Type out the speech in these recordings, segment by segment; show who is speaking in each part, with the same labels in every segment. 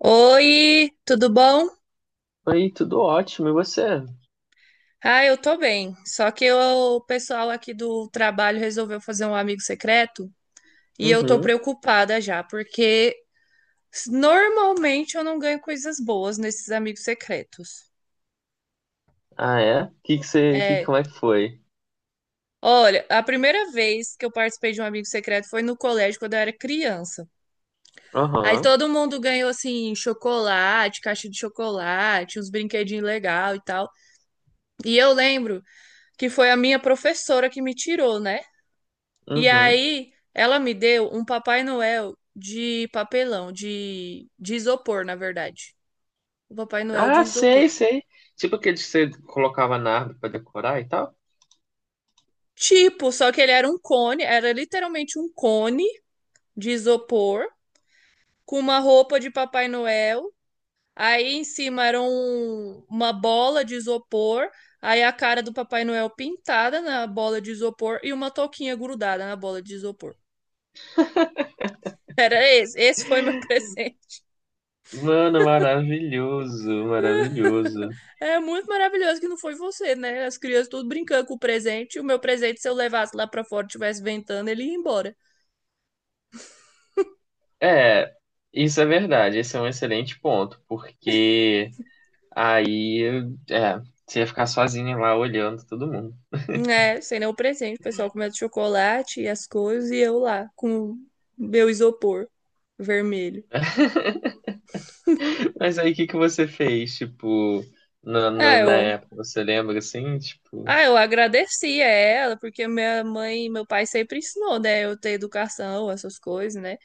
Speaker 1: Oi, tudo bom?
Speaker 2: Oi, tudo ótimo, e você?
Speaker 1: Ah, eu tô bem. Só que eu- o pessoal aqui do trabalho resolveu fazer um amigo secreto e eu tô
Speaker 2: Uhum.
Speaker 1: preocupada já, porque normalmente eu não ganho coisas boas nesses amigos secretos.
Speaker 2: Ah, é? Que você, como
Speaker 1: É,
Speaker 2: é que foi?
Speaker 1: olha, a primeira vez que eu participei de um amigo secreto foi no colégio quando eu era criança. Aí
Speaker 2: Aham.
Speaker 1: todo mundo ganhou assim chocolate, caixa de chocolate, uns brinquedinhos legal e tal. E eu lembro que foi a minha professora que me tirou, né? E
Speaker 2: Uhum.
Speaker 1: aí ela me deu um Papai Noel de papelão, de isopor, na verdade. O Papai Noel de
Speaker 2: Ah,
Speaker 1: isopor.
Speaker 2: sei, sei. Tipo aquele que você colocava na árvore pra decorar e tal?
Speaker 1: Tipo, só que ele era um cone, era literalmente um cone de isopor com uma roupa de Papai Noel. Aí em cima era uma bola de isopor, aí a cara do Papai Noel pintada na bola de isopor e uma touquinha grudada na bola de isopor. Era esse, esse foi meu presente.
Speaker 2: Mano, maravilhoso, maravilhoso.
Speaker 1: É muito maravilhoso que não foi você, né? As crianças tudo brincando com o presente. O meu presente, se eu levasse lá pra fora e tivesse ventando, ele ia embora.
Speaker 2: É, isso é verdade. Esse é um excelente ponto, porque aí, é, você ia ficar sozinha lá olhando todo mundo.
Speaker 1: É, sem nenhum presente. O pessoal comendo chocolate e as coisas, e eu lá com meu isopor vermelho.
Speaker 2: Mas aí, o que que você fez, tipo,
Speaker 1: Ah,
Speaker 2: na
Speaker 1: eu,
Speaker 2: época? Você lembra assim? Tipo,
Speaker 1: ah, eu agradeci a ela, porque minha mãe e meu pai sempre ensinou, né? Eu ter educação, essas coisas, né?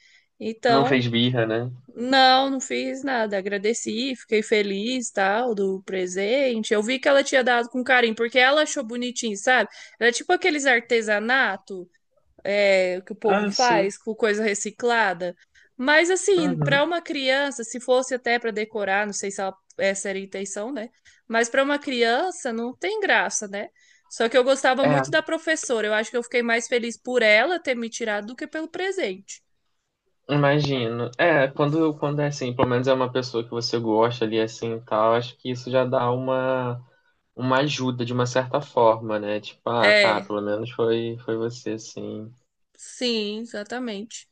Speaker 2: não
Speaker 1: Então,
Speaker 2: fez birra, né?
Speaker 1: não, não fiz nada. Agradeci, fiquei feliz, tal, do presente. Eu vi que ela tinha dado com carinho, porque ela achou bonitinho, sabe? Era tipo aqueles artesanato, é, que o povo
Speaker 2: Ah, sim.
Speaker 1: faz com coisa reciclada. Mas assim, para
Speaker 2: Uhum.
Speaker 1: uma criança, se fosse até para decorar, não sei se essa era a intenção, né? Mas para uma criança não tem graça, né? Só que eu gostava
Speaker 2: É,
Speaker 1: muito da professora. Eu acho que eu fiquei mais feliz por ela ter me tirado do que pelo presente.
Speaker 2: imagino. É, quando é assim, pelo menos é uma pessoa que você gosta ali assim e tal, acho que isso já dá uma ajuda de uma certa forma, né? Tipo, ah, tá,
Speaker 1: É,
Speaker 2: pelo menos foi você, assim.
Speaker 1: sim, exatamente.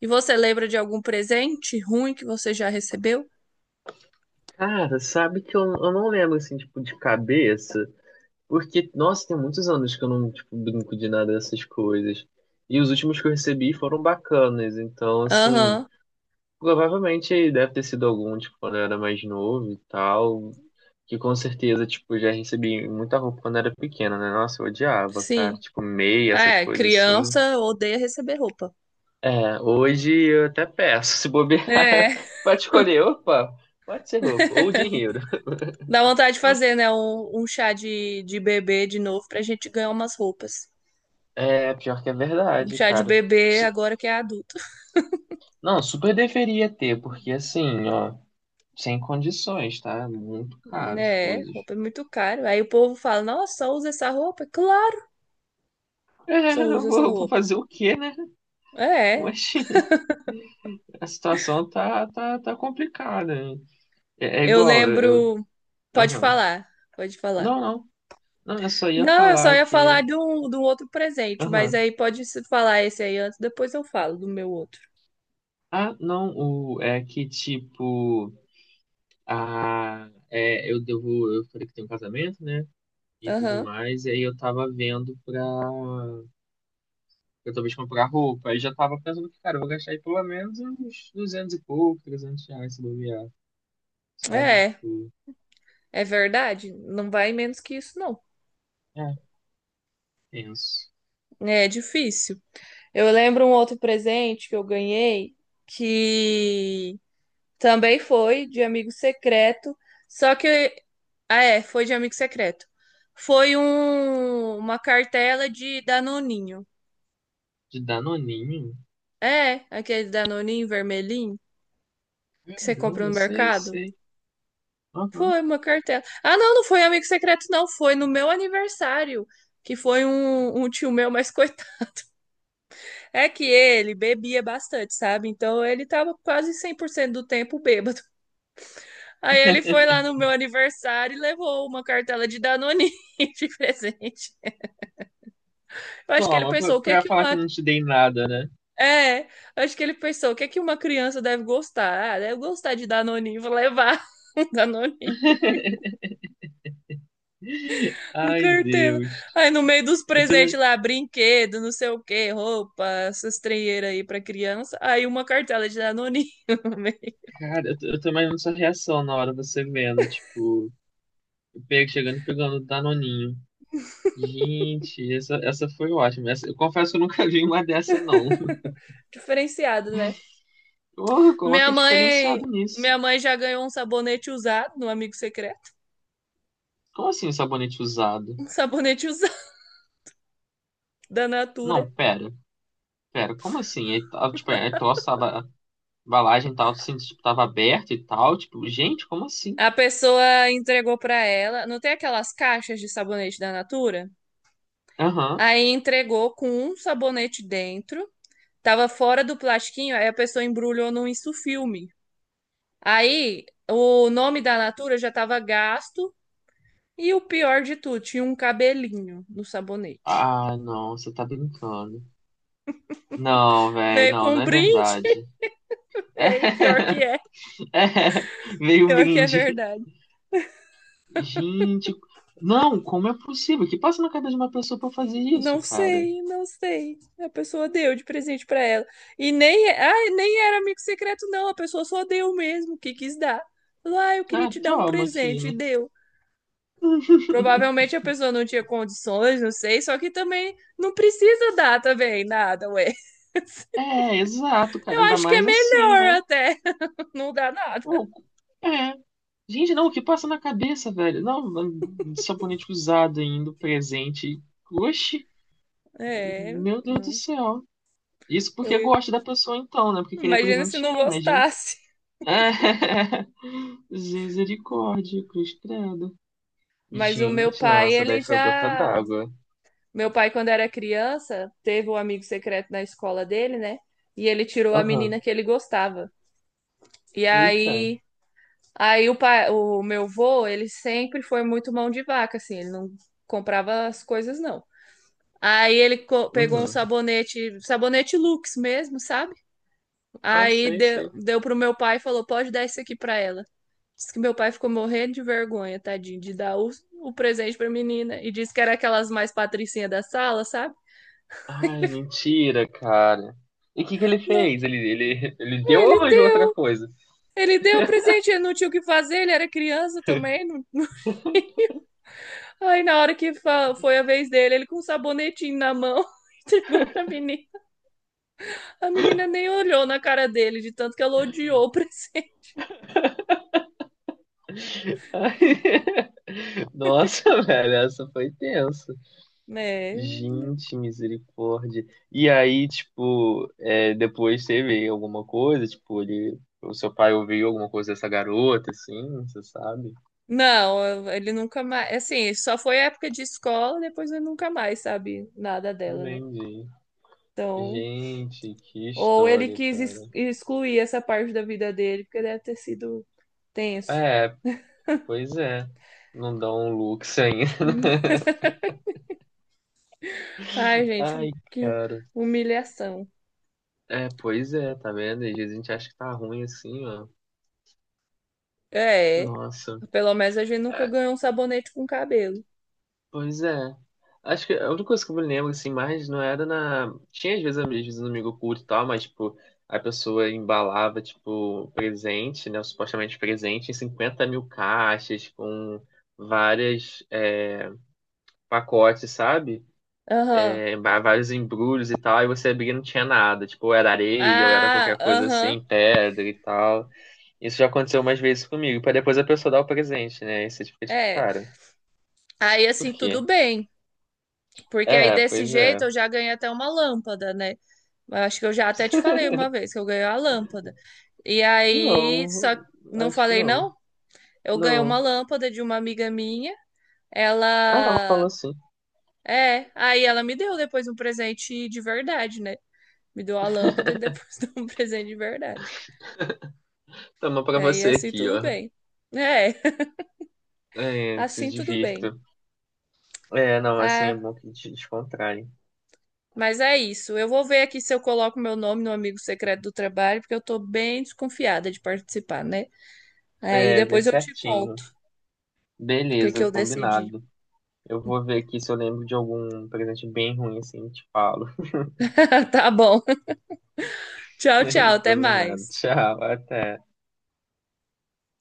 Speaker 1: E você lembra de algum presente ruim que você já recebeu?
Speaker 2: Cara, sabe que eu não lembro, assim, tipo, de cabeça, porque, nossa, tem muitos anos que eu não, tipo, brinco de nada dessas coisas. E os últimos que eu recebi foram bacanas, então, assim,
Speaker 1: Aham,
Speaker 2: provavelmente deve ter sido algum, tipo, quando eu era mais novo e tal, que com certeza, tipo, eu já recebi muita roupa quando era pequena, né? Nossa, eu odiava, cara,
Speaker 1: sim.
Speaker 2: tipo, meia, essas
Speaker 1: É,
Speaker 2: coisas assim.
Speaker 1: criança odeia receber roupa.
Speaker 2: É, hoje eu até peço, se bobear,
Speaker 1: É,
Speaker 2: pode escolher, opa, pode ser roupa, ou dinheiro.
Speaker 1: dá vontade de fazer, né? Um chá de bebê de novo pra gente ganhar umas roupas.
Speaker 2: É, pior que é
Speaker 1: Um
Speaker 2: verdade,
Speaker 1: chá de
Speaker 2: cara.
Speaker 1: bebê
Speaker 2: Su-
Speaker 1: agora que é adulto.
Speaker 2: Não, super deveria ter, porque assim, ó, sem condições, tá? É muito caro as
Speaker 1: É,
Speaker 2: coisas.
Speaker 1: roupa é muito caro. Aí o povo fala, nossa, só usa essa roupa? Claro, que
Speaker 2: É,
Speaker 1: só
Speaker 2: eu
Speaker 1: usa essa
Speaker 2: vou
Speaker 1: roupa.
Speaker 2: fazer o quê, né?
Speaker 1: É,
Speaker 2: Mas a situação tá complicada. Hein? É
Speaker 1: eu
Speaker 2: igual,
Speaker 1: lembro. Pode
Speaker 2: aham.
Speaker 1: falar, pode falar.
Speaker 2: Não, não, não, eu só ia
Speaker 1: Não, eu só
Speaker 2: falar
Speaker 1: ia
Speaker 2: que,
Speaker 1: falar de um outro presente, mas
Speaker 2: aham.
Speaker 1: aí pode se falar esse aí antes, depois eu falo do meu outro.
Speaker 2: Ah, não, é que tipo, eu falei que tem um casamento, né? E tudo
Speaker 1: Aham.
Speaker 2: mais, e aí eu tava vendo pra eu talvez comprar roupa. Aí já tava pensando que, cara, eu vou gastar aí pelo menos uns 200 e pouco, 300 reais se bobear, sabe?
Speaker 1: É,
Speaker 2: Tipo,
Speaker 1: é verdade. Não vai menos que isso, não.
Speaker 2: é, penso.
Speaker 1: É difícil. Eu lembro um outro presente que eu ganhei que também foi de amigo secreto, só que. Ah, é, foi de amigo secreto. Foi uma cartela de Danoninho.
Speaker 2: De Danoninho?
Speaker 1: É, aquele Danoninho vermelhinho que você compra
Speaker 2: Caramba,
Speaker 1: no
Speaker 2: sei,
Speaker 1: mercado.
Speaker 2: sei. Aham.
Speaker 1: Foi uma cartela. Ah, não, não foi amigo secreto, não. Foi no meu aniversário, que foi um tio meu, mas coitado. É que ele bebia bastante, sabe? Então ele tava quase 100% do tempo bêbado. Aí ele foi lá no meu aniversário e levou uma cartela de Danone de presente. Eu acho que ele
Speaker 2: Toma, pra,
Speaker 1: pensou, o que é
Speaker 2: pra
Speaker 1: que
Speaker 2: falar que eu
Speaker 1: uma.
Speaker 2: não te dei nada, né?
Speaker 1: É, eu acho que ele pensou, o que é que uma criança deve gostar? Ah, deve gostar de Danone, vou levar um Danone. Com
Speaker 2: Ai,
Speaker 1: cartela.
Speaker 2: Deus.
Speaker 1: Aí no meio dos
Speaker 2: Eu tô, ima-
Speaker 1: presentes lá, brinquedo, não sei o que roupa, essas treinheiras aí pra criança. Aí uma cartela de Danoninho. no meio
Speaker 2: Cara, eu tô imaginando sua reação na hora você vendo, tipo, chegando e pegando Danoninho. Gente, essa foi ótima. Essa, eu confesso que eu nunca vi uma dessa, não.
Speaker 1: diferenciado, né?
Speaker 2: Porra,
Speaker 1: Minha
Speaker 2: coloca diferenciado
Speaker 1: mãe,
Speaker 2: nisso.
Speaker 1: minha mãe já ganhou um sabonete usado no Amigo Secreto.
Speaker 2: Como assim sabonete usado?
Speaker 1: Um sabonete usado da
Speaker 2: Não,
Speaker 1: Natura.
Speaker 2: pera, pera, como assim? Ele, tipo, a tosse tava, a embalagem tava, assim, tipo, tava aberta e tal, tipo, gente, como assim?
Speaker 1: A pessoa entregou pra ela. Não tem aquelas caixas de sabonete da Natura?
Speaker 2: Aham.
Speaker 1: Aí entregou com um sabonete dentro. Tava fora do plastiquinho, aí a pessoa embrulhou num isso. Aí o nome da Natura já estava gasto e o pior de tudo, tinha um cabelinho no sabonete.
Speaker 2: Ah, não, você tá brincando. Não, velho,
Speaker 1: Veio
Speaker 2: não,
Speaker 1: com um
Speaker 2: não é
Speaker 1: brinde,
Speaker 2: verdade.
Speaker 1: e o
Speaker 2: É, veio o
Speaker 1: pior que é
Speaker 2: brinde.
Speaker 1: verdade.
Speaker 2: Gente, não, como é possível? O que passa na cabeça de uma pessoa pra fazer isso,
Speaker 1: Não
Speaker 2: cara?
Speaker 1: sei, não sei. A pessoa deu de presente para ela. E nem, ai, nem era amigo secreto, não. A pessoa só deu mesmo, o que quis dar. Falou, ah, eu queria
Speaker 2: Ah,
Speaker 1: te dar um
Speaker 2: toma aqui,
Speaker 1: presente, e
Speaker 2: né?
Speaker 1: deu. Provavelmente a pessoa não tinha condições, não sei, só que também não precisa dar também nada, ué.
Speaker 2: É, exato, cara,
Speaker 1: Eu
Speaker 2: ainda
Speaker 1: acho que é
Speaker 2: mais assim,
Speaker 1: melhor
Speaker 2: né?
Speaker 1: até não dá nada.
Speaker 2: Não, é. Gente, não, o que passa na cabeça, velho? Não, sabonete usado ainda, presente. Oxi,
Speaker 1: É,
Speaker 2: meu Deus do
Speaker 1: não.
Speaker 2: céu. Isso
Speaker 1: Eu
Speaker 2: porque
Speaker 1: ia-
Speaker 2: gosta da pessoa então, né? Porque querer
Speaker 1: imagina se não
Speaker 2: presentear, imagina.
Speaker 1: gostasse.
Speaker 2: É. Misericórdia, cruz credo.
Speaker 1: Mas o meu
Speaker 2: Gente,
Speaker 1: pai,
Speaker 2: nossa, daí
Speaker 1: ele
Speaker 2: foi a gota
Speaker 1: já.
Speaker 2: d'água.
Speaker 1: Meu pai, quando era criança, teve um amigo secreto na escola dele, né? E ele tirou a
Speaker 2: Aham.
Speaker 1: menina que ele gostava. E
Speaker 2: Eita.
Speaker 1: aí, aí o pai, o meu vô, ele sempre foi muito mão de vaca, assim, ele não comprava as coisas, não. Aí ele pegou um
Speaker 2: Uhum.
Speaker 1: sabonete, sabonete Lux mesmo, sabe?
Speaker 2: Ah,
Speaker 1: Aí
Speaker 2: sei,
Speaker 1: deu,
Speaker 2: sei.
Speaker 1: deu pro meu pai e falou: pode dar isso aqui pra ela. Diz que meu pai ficou morrendo de vergonha, tadinho, de dar o presente pra menina. E disse que era aquelas mais patricinhas da sala, sabe?
Speaker 2: Ai, mentira, cara. E o que que ele
Speaker 1: Não,
Speaker 2: fez? Ele deu ou
Speaker 1: ele
Speaker 2: arranjou outra
Speaker 1: deu,
Speaker 2: coisa?
Speaker 1: ele deu o presente, ele não tinha o que fazer, ele era criança também. Não... Aí na hora que foi a vez dele, ele com um sabonetinho na mão. Entregou pra menina. A menina nem olhou na cara dele, de tanto que ela odiou o presente.
Speaker 2: Nossa, velho, essa foi tenso.
Speaker 1: É.
Speaker 2: Gente, misericórdia. E aí, tipo, depois teve alguma coisa, tipo, o seu pai ouviu alguma coisa dessa garota, assim, você sabe?
Speaker 1: Não, ele nunca mais. Assim, só foi época de escola, depois ele nunca mais sabe nada
Speaker 2: Não
Speaker 1: dela, né?
Speaker 2: entendi.
Speaker 1: Então,
Speaker 2: Gente, que
Speaker 1: ou ele
Speaker 2: história,
Speaker 1: quis
Speaker 2: cara.
Speaker 1: excluir essa parte da vida dele, porque deve ter sido tenso.
Speaker 2: É, pois é. Não dá um lux ainda.
Speaker 1: Ai,
Speaker 2: Ai,
Speaker 1: gente, que
Speaker 2: cara.
Speaker 1: humilhação.
Speaker 2: É, pois é, tá vendo? Às vezes a gente acha que tá ruim assim, ó.
Speaker 1: É,
Speaker 2: Nossa.
Speaker 1: pelo menos a gente nunca
Speaker 2: É,
Speaker 1: ganhou um sabonete com cabelo.
Speaker 2: pois é. Acho que a única coisa que eu me lembro, assim, mais não era na. Tinha às vezes um amigo oculto e tal, mas, tipo, a pessoa embalava, tipo, presente, né? Supostamente presente em 50 mil caixas, com várias pacotes, sabe?
Speaker 1: Aham.
Speaker 2: É, vários embrulhos e tal, e você abria e não tinha nada. Tipo, ou era areia, ou era
Speaker 1: Ah,
Speaker 2: qualquer coisa
Speaker 1: aham.
Speaker 2: assim, pedra e tal. Isso já aconteceu umas vezes comigo, pra depois a pessoa dar o presente, né? E você fica tipo,
Speaker 1: É.
Speaker 2: cara,
Speaker 1: Aí
Speaker 2: por
Speaker 1: assim,
Speaker 2: quê?
Speaker 1: tudo bem. Porque aí
Speaker 2: É,
Speaker 1: desse
Speaker 2: pois é.
Speaker 1: jeito eu já ganhei até uma lâmpada, né? Acho que eu já até te falei uma vez que eu ganhei a lâmpada. E aí,
Speaker 2: Não,
Speaker 1: só não
Speaker 2: acho que
Speaker 1: falei
Speaker 2: não.
Speaker 1: não? Eu ganhei uma
Speaker 2: Não.
Speaker 1: lâmpada de uma amiga minha.
Speaker 2: Ah, não, falou
Speaker 1: Ela
Speaker 2: assim.
Speaker 1: é, aí ela me deu depois um presente de verdade, né? Me deu a lâmpada e depois deu um presente de verdade.
Speaker 2: Toma pra
Speaker 1: Aí
Speaker 2: você
Speaker 1: assim
Speaker 2: aqui,
Speaker 1: tudo
Speaker 2: ó.
Speaker 1: bem. É,
Speaker 2: É, se
Speaker 1: assim tudo bem.
Speaker 2: divirta. É, não, assim é
Speaker 1: Ah,
Speaker 2: bom que te descontrai.
Speaker 1: mas é isso. Eu vou ver aqui se eu coloco meu nome no amigo secreto do trabalho, porque eu tô bem desconfiada de participar, né? Aí
Speaker 2: É, vê
Speaker 1: depois eu te
Speaker 2: certinho.
Speaker 1: conto o que que
Speaker 2: Beleza,
Speaker 1: eu decidi.
Speaker 2: combinado. Eu vou ver aqui se eu lembro de algum presente bem ruim assim, te falo.
Speaker 1: Tá bom. Tchau, tchau. Até
Speaker 2: Combinado.
Speaker 1: mais.
Speaker 2: Tchau, até.